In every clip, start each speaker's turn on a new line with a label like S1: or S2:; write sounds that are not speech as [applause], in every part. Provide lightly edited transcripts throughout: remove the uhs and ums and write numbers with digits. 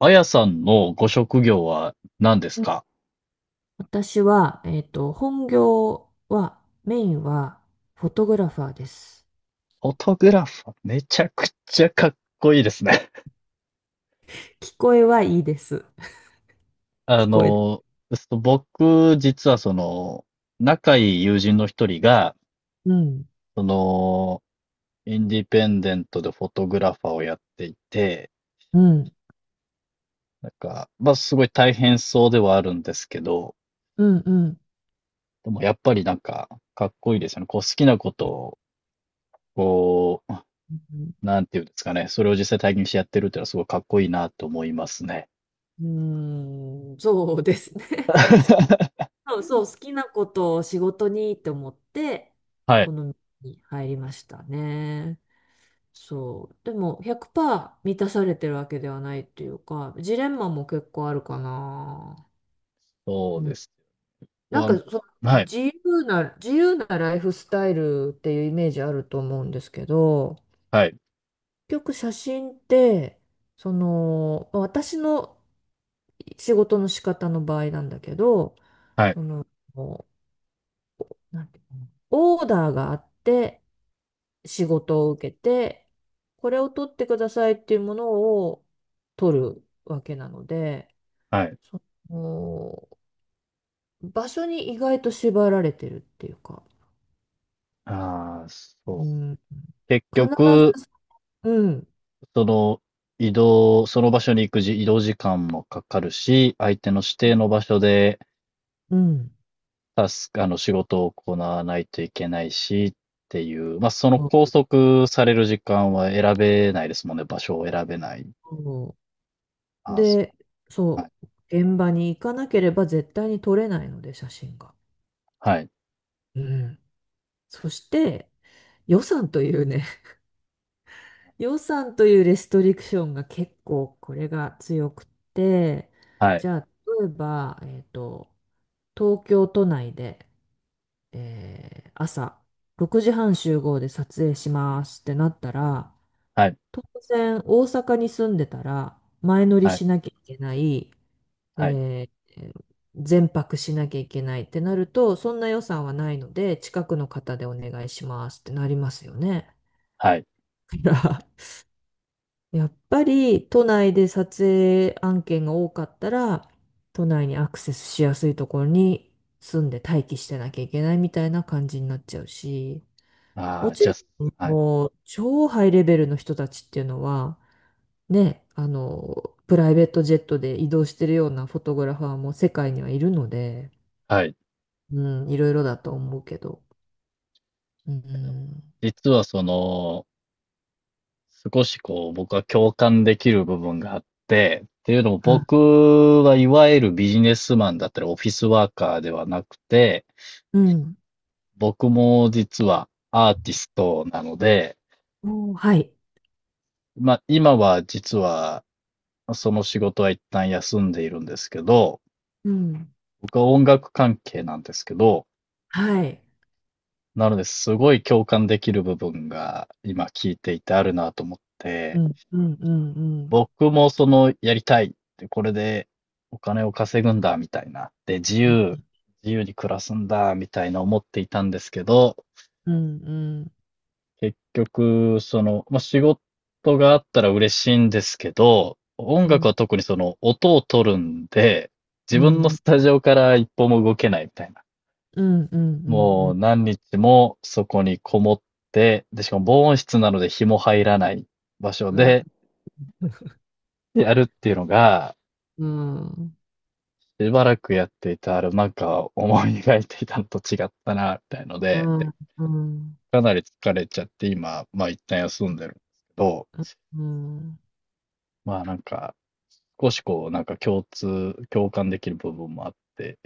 S1: あやさんのご職業は何です
S2: うん。
S1: か？
S2: 私は、本業は、メインは、フォトグラファーです。
S1: フォトグラファー。めちゃくちゃかっこいいですね。
S2: 聞こえはいいです。
S1: [laughs] あ
S2: 聞こえ、
S1: の、僕、実は仲いい友人の一人が、
S2: うん、
S1: その、インディペンデントでフォトグラファーをやっていて、
S2: うん、
S1: すごい大変そうではあるんですけど、
S2: うん、うん、
S1: でもやっぱりかっこいいですよね。こう、好きなことを、こ
S2: う
S1: う、なんていうんですかね。それを実際体験してやってるっていうのはすごいかっこいいなと思いますね。
S2: ん、うん、そうですね。[laughs]
S1: [laughs]
S2: そうそう、好きなことを仕事にって思って、
S1: はい。
S2: この道に入りましたね。そう。でも、100%満たされてるわけではないっていうか、ジレンマも結構あるかな。
S1: そうです。
S2: うなん
S1: ぼ
S2: か
S1: ん
S2: その
S1: はい、
S2: 自由なライフスタイルっていうイメージあると思うんですけど、
S1: はい、
S2: 結局写真って、まあ私の仕事の仕方の場合なんだけど、
S1: はい、
S2: その、なんていうの、オーダーがあって仕事を受けて、これを取ってくださいっていうものを取るわけなので、
S1: はい。
S2: その、場所に意外と縛られてるっていうか、
S1: ああ、
S2: う
S1: そ
S2: ん、
S1: う。結
S2: 必
S1: 局、
S2: ず、うん、
S1: その、移動、その場所に行くじ、移動時間もかかるし、相手の指定の場所で、
S2: うん、
S1: タスク、あの、仕事を行わないといけないし、っていう、まあ、その
S2: そ
S1: 拘
S2: う
S1: 束される時間は選べないですもんね、場所を選べない。
S2: そう。
S1: ああ、そ
S2: で、
S1: う、は
S2: そ
S1: い、
S2: う、現場に行かなければ絶対に撮れないので、写真が。
S1: はい、
S2: うん。そして、予算というね、[laughs] 予算というレストリクションが結構これが強くって、
S1: はい、
S2: じゃあ、例えば、東京都内で、朝6時半集合で撮影しますってなったら、
S1: はい、
S2: 当然大阪に住んでたら前乗り
S1: はい、
S2: しなきゃいけない、
S1: はい、
S2: えー全泊しなきゃいけないってなると、そんな予算はないので、近くの方でお願いしますってなりますよね。
S1: はい。
S2: [laughs] だから、 [laughs] やっぱり都内で撮影案件が多かったら、都内にアクセスしやすいところに住んで待機してなきゃいけないみたいな感じになっちゃうし、
S1: あ
S2: も
S1: あ、
S2: ち
S1: じゃ
S2: ろん、
S1: あ、はい、
S2: もう超ハイレベルの人たちっていうのは、ね、プライベートジェットで移動してるようなフォトグラファーも世界にはいるので、
S1: はい。
S2: うん、いろいろだと思うけど。うん。
S1: 実はその少しこう、僕は共感できる部分があって、っていうのも
S2: あ、
S1: 僕はいわゆるビジネスマンだったりオフィスワーカーではなくて、
S2: うん。
S1: 僕も実はアーティストなので、
S2: おー、はい。
S1: まあ今は実はその仕事は一旦休んでいるんですけど、
S2: うん。
S1: 僕は音楽関係なんですけど、
S2: はい。
S1: なのですごい共感できる部分が今聞いていてあるなと思っ
S2: う
S1: て、
S2: ん、うん、うん、うん。
S1: 僕もその、やりたいって、これでお金を稼ぐんだ、みたいな。で、自
S2: うん、
S1: 由、自由に暮らすんだ、みたいな思っていたんですけど、
S2: うん、
S1: 結局、仕事があったら嬉しいんですけど、音
S2: う
S1: 楽は
S2: ん、
S1: 特にその、音を取るんで、自
S2: う
S1: 分の
S2: ん、うん、
S1: スタジオから一歩も動けないみたいな。
S2: うん、う
S1: もう
S2: ん、
S1: 何日もそこにこもって、で、しかも防音室なので日も入らない場所
S2: うん、わ、
S1: でやるっていうのが、
S2: うん、うん、
S1: しばらくやっていたある、なんか思い描いていたのと違ったな、みたいの
S2: う
S1: で、で、
S2: ん、
S1: かなり疲れちゃって今、まあ一旦休んでるんですけど、
S2: うん。
S1: まあなんか、少しこう、なんか共通、共感できる部分もあって、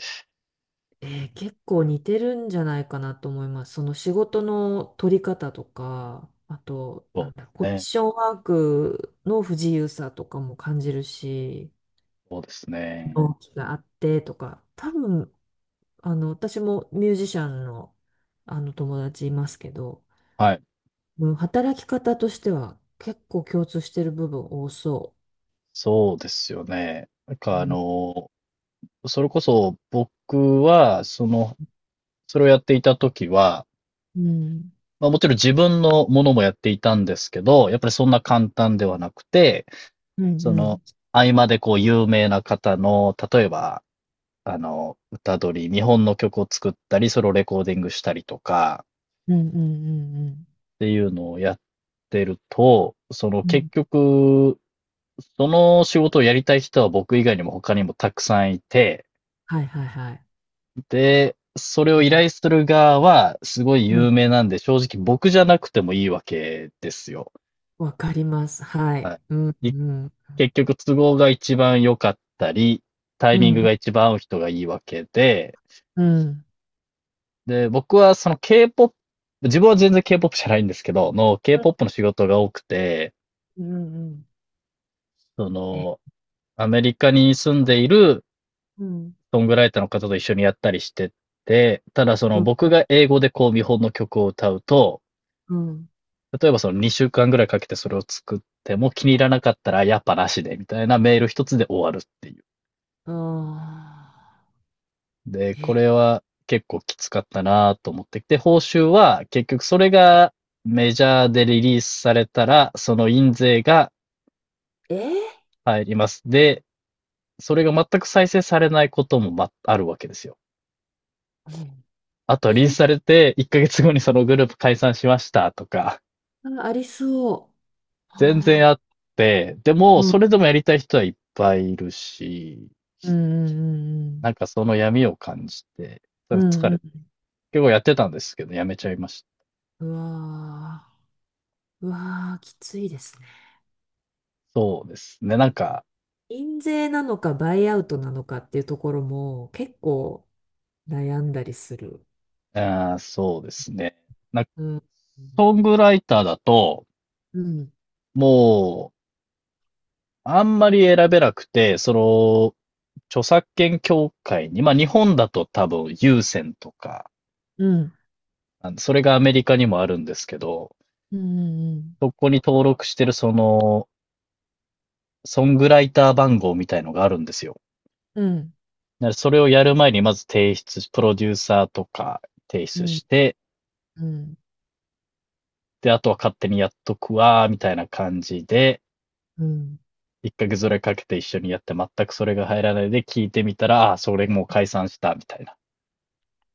S2: 結構似てるんじゃないかなと思います。その仕事の取り方とか、あと、な
S1: そう
S2: んだろう、コ
S1: で
S2: ミッ
S1: すね。
S2: ションワークの不自由さとかも感じるし、
S1: そうですね。
S2: 同期があってとか、多分、私もミュージシャンの、あの友達いますけど、
S1: はい。
S2: うん、働き方としては結構共通してる部分多そ
S1: そうですよね。
S2: う。うん。
S1: それこそ僕は、それをやっていた時は、
S2: うん、
S1: まあもちろん自分のものもやっていたんですけど、やっぱりそんな簡単ではなくて、
S2: うん、
S1: そ
S2: う
S1: の、
S2: ん、
S1: 合間でこう有名な方の、例えば、歌取り、日本の曲を作ったり、ソロレコーディングしたりとか、
S2: うん、うん、うん、
S1: っていうのをやってると、その
S2: う
S1: 結
S2: ん。
S1: 局、その仕事をやりたい人は僕以外にも他にもたくさんいて、
S2: はいはいはい。
S1: で、それ
S2: う
S1: を依
S2: ん。
S1: 頼する側はすごい
S2: う
S1: 有
S2: ん、
S1: 名なんで、正直僕じゃなくてもいいわけですよ。
S2: わかります。はい。
S1: は
S2: うん、
S1: いい
S2: うん、
S1: 結局都合が一番良かったり、タ
S2: う
S1: イミン
S2: ん、
S1: グ
S2: う
S1: が
S2: ん、
S1: 一番合う人がいいわけで、
S2: うん、
S1: で、僕はその K-POP、自分は全然 K-POP じゃないんですけど、の K-POP の仕事が多くて、
S2: うん、うん、
S1: そ
S2: え、
S1: の、アメリカに住んでいる
S2: うん、
S1: ソングライターの方と一緒にやったりしてて、ただその
S2: うん、
S1: 僕が英語でこう見本の曲を歌うと、
S2: うん、
S1: 例えばその2週間ぐらいかけてそれを作っても気に入らなかったらやっぱなしでみたいなメール一つで終わるっていう。
S2: ああ、
S1: で、これは結構きつかったなと思ってきて、報酬は結局それがメジャーでリリースされたら、その印税が
S2: ええ、
S1: 入ります。で、それが全く再生されないこともあるわけですよ。
S2: うん、
S1: あとは
S2: イ
S1: リリース
S2: ンス
S1: されて、1ヶ月後にそのグループ解散しましたとか、
S2: タありそう。
S1: 全然
S2: あ
S1: あって、で
S2: ー、
S1: も、
S2: うん、
S1: それでもやりたい人はいっぱいいるし、
S2: うん、
S1: なんかその闇を感じて、
S2: うん、う
S1: 疲
S2: ん、う
S1: れて、
S2: ん、
S1: 結構やってたんですけど、やめちゃいました。
S2: うん、うわー、うわー、きついですね。
S1: そうですね。なんか、
S2: 印税なのかバイアウトなのかっていうところも結構悩んだりする。
S1: あそうですね。なんか、
S2: うん。
S1: ソングライターだと、
S2: うん、
S1: もう、あんまり選べなくて、著作権協会に、まあ日本だと多分有線とか、
S2: うん、
S1: それがアメリカにもあるんですけど、
S2: うん、うん、
S1: そこに登録してるソングライター番号みたいのがあるんですよ。
S2: うん、
S1: だからそれをやる前にまず提出プロデューサーとか提
S2: う
S1: 出
S2: ん、
S1: して、
S2: うん、
S1: で、あとは勝手にやっとくわ、みたいな感じで、
S2: うん、
S1: 一ヶ月ぐらいかけて一緒にやって全くそれが入らないで聞いてみたら、あそれもう解散した、みたいな。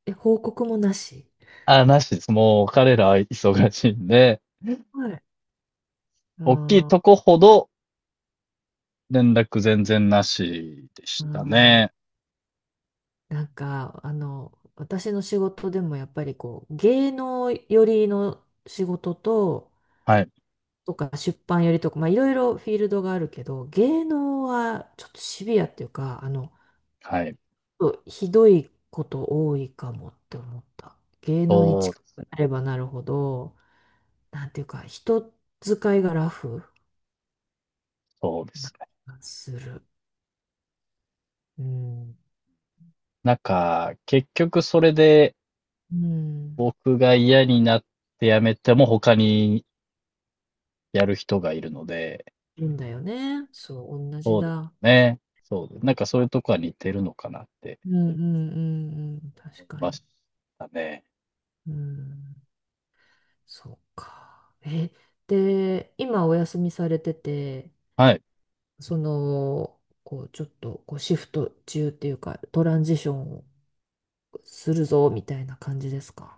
S2: え、報告もなし。
S1: ああ、なしです。もう彼らは忙しいんで、
S2: はい。
S1: 大きいと
S2: あ
S1: こほど連絡全然なしでした
S2: あ、
S1: ね。
S2: なんか、私の仕事でもやっぱりこう、芸能寄りの仕事と、
S1: はい。
S2: とか出版よりとか、まあ、いろいろフィールドがあるけど、芸能はちょっとシビアっていうか、
S1: はい。
S2: ひどいこと多いかもって思った。芸能に
S1: そう
S2: 近
S1: です。
S2: くなればなるほど、なんていうか、人使いがラフ
S1: そうで
S2: な
S1: すね。
S2: 気がする。うん。
S1: なんか、結局それで
S2: うん。
S1: 僕が嫌になって辞めても他にやる人がいるので、
S2: いいんだよね。そう、同じ
S1: そうです
S2: だ。
S1: ね。そうです。
S2: う
S1: なん
S2: ん、
S1: かそういうとこは似てるのかなって
S2: うん、うん、うん。
S1: 思
S2: 確
S1: い
S2: か
S1: まし
S2: に。
S1: たね。
S2: うん。そうか。え、で、今お休みされてて、
S1: はい。
S2: その、こう、ちょっと、こう、シフト中っていうか、トランジションをするぞ、みたいな感じですか。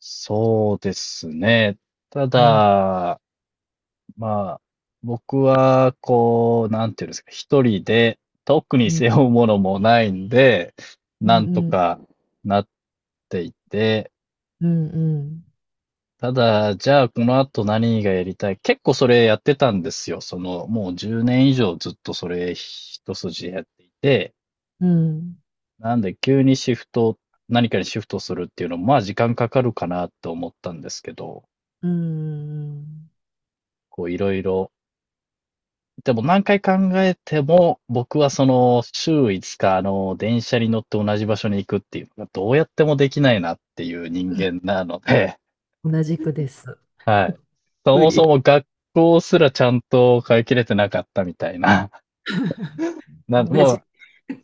S1: そうですね。た
S2: うん、
S1: だ、まあ、僕は、こう、なんていうんですか、一人で、特に
S2: うん、
S1: 背負うものもないんで、
S2: う
S1: な
S2: ん、
S1: んと
S2: うん、
S1: かなっていて、
S2: うん、
S1: ただ、じゃあこの後何がやりたい結構それやってたんですよ。その、もう10年以上ずっとそれ一筋やっていて、
S2: うん、
S1: なんで急にシフト、何かにシフトするっていうのも、まあ時間かかるかなと思ったんですけど、
S2: うん、うん、
S1: こういろいろでも何回考えても、僕はその週5日、電車に乗って同じ場所に行くっていうのがどうやってもできないなっていう人間なので、
S2: 同じくです。
S1: [laughs] はい。そ
S2: 無
S1: もそ
S2: 理。
S1: も学校すらちゃんと通い切れてなかったみたいな。[laughs]
S2: 同
S1: も
S2: じ。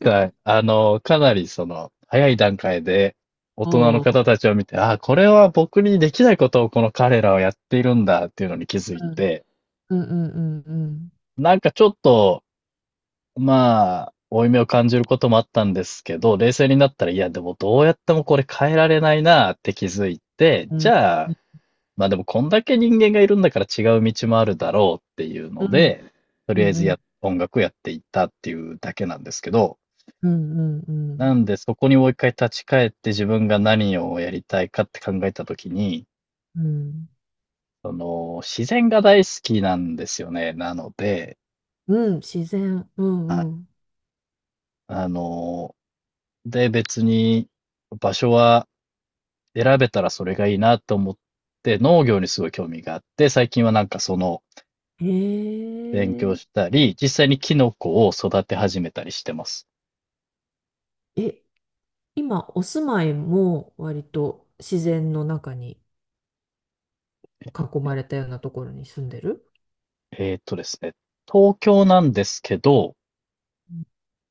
S1: う、はい。あの、かなりその、早い段階で大
S2: お
S1: 人の
S2: ー、
S1: 方たちを見て、ああ、これは僕にできないことをこの彼らはやっているんだっていうのに気づい
S2: うん、
S1: て、
S2: うん、うん、うん、
S1: なんかちょっと、まあ、負い目を感じることもあったんですけど、冷静になったら、いや、でもどうやってもこれ変えられないなって気づいて、
S2: うん、
S1: じゃあ、
S2: うん、
S1: まあでもこんだけ人間がいるんだから違う道もあるだろうっていうの
S2: うん、
S1: で、と
S2: う
S1: りあえ
S2: ん、
S1: ず
S2: う
S1: や、
S2: ん、
S1: 音楽やっていったっていうだけなんですけど、
S2: うん、う
S1: な
S2: ん、
S1: んでそこにもう一回立ち返って自分が何をやりたいかって考えたときに、
S2: うん、
S1: その、自然が大好きなんですよね。なので、
S2: うん、自然。う
S1: は
S2: ん、う
S1: い。
S2: ん。
S1: あの、で、別に場所は選べたらそれがいいなと思って農業にすごい興味があって、最近はなんかその
S2: へ
S1: 勉強
S2: え。
S1: したり、実際にキノコを育て始めたりしてます。
S2: え、今、お住まいも割と自然の中に囲まれたようなところに住んでる。
S1: ですね、東京なんですけど、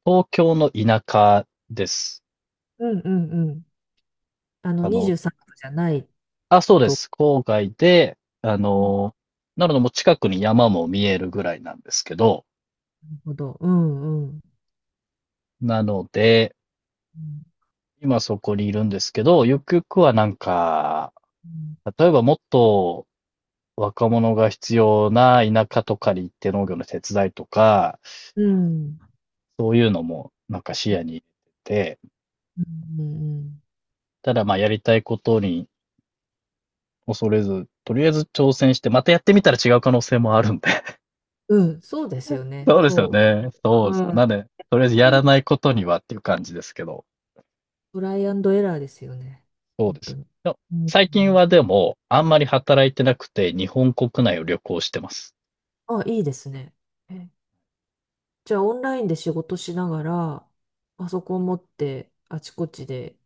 S1: 東京の田舎です。
S2: うん、うん、うん。あの、
S1: あの、
S2: 23区じゃない
S1: あ、そうで
S2: と。
S1: す。郊外で、
S2: うん、
S1: なのでもう近くに山も見えるぐらいなんですけど、
S2: なるほど。うん、うん。
S1: なので、
S2: うん、
S1: 今そこにいるんですけど、ゆくゆくはなんか、例えばもっと若者が必要な田舎とかに行って農業の手伝いとか、
S2: うん。うん、
S1: そういうのもなんか視野に入れてて、
S2: うん、うん。
S1: ただまあやりたいことに恐れず、とりあえず挑戦して、またやってみたら違う可能性もあるんで。[laughs]
S2: うん、そうですよね。
S1: そうですよ
S2: そ
S1: ね。そ
S2: う。
S1: うです。
S2: う
S1: な
S2: ん。
S1: んで、とりあえずやらないことにはっていう感じですけど、
S2: トライアンドエラーですよね。
S1: そう
S2: 本
S1: で
S2: 当
S1: す。
S2: に。
S1: でも
S2: うん、う
S1: 最近
S2: ん、
S1: はでも、あんまり働いてなくて、日本国内を旅行してます。
S2: あ、いいですね。え、じゃあ、オンラインで仕事しながら、パソコン持って、あちこちで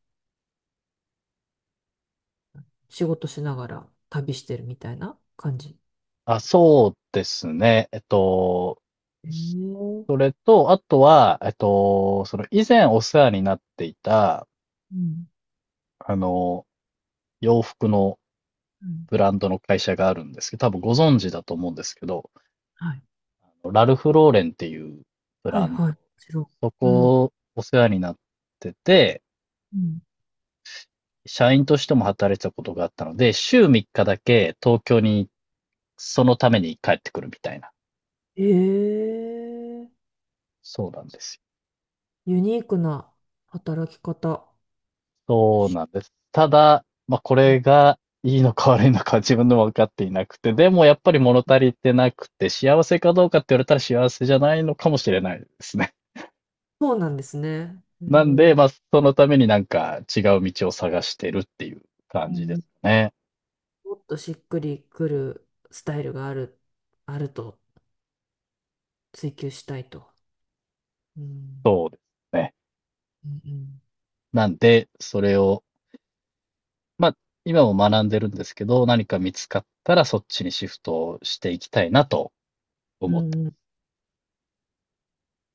S2: 仕事しながら旅してるみたいな感じ。
S1: あ、そうですね。えっと、
S2: へえ、う
S1: それと、あとは、えっと、その以前お世話になっていた、
S2: ん。
S1: あの、洋服の
S2: うん。
S1: ブランドの会社があるんですけど、多分ご存知だと思うんですけど、
S2: はい。
S1: あのラルフ・ローレンっていうブ
S2: は
S1: ラ
S2: い
S1: ンド、
S2: はい。もちろ
S1: そ
S2: ん。うん。
S1: こお世話になってて、
S2: うん。
S1: 社員としても働いてたことがあったので、週3日だけ東京にそのために帰ってくるみたいな。
S2: へえ、
S1: そうなんですよ。
S2: ユニークな働き方。
S1: そうなんです。ただ、まあ、こ
S2: うん、
S1: れがいいのか悪いのかは自分でも分かっていなくて、でもやっぱり物足りてなくて、幸せかどうかって言われたら幸せじゃないのかもしれないですね。
S2: そうなんですね。へ
S1: [laughs] なんで、
S2: え、
S1: まあ、そのためになんか違う道を探してるっていう
S2: う
S1: 感じです
S2: ん。
S1: ね。
S2: もっとしっくりくるスタイルがあると追求したいと。うん。
S1: そうですね。
S2: うん。
S1: なんで、それを、まあ、今も学んでるんですけど、何か見つかったらそっちにシフトをしていきたいなと
S2: う
S1: 思って
S2: ん、うん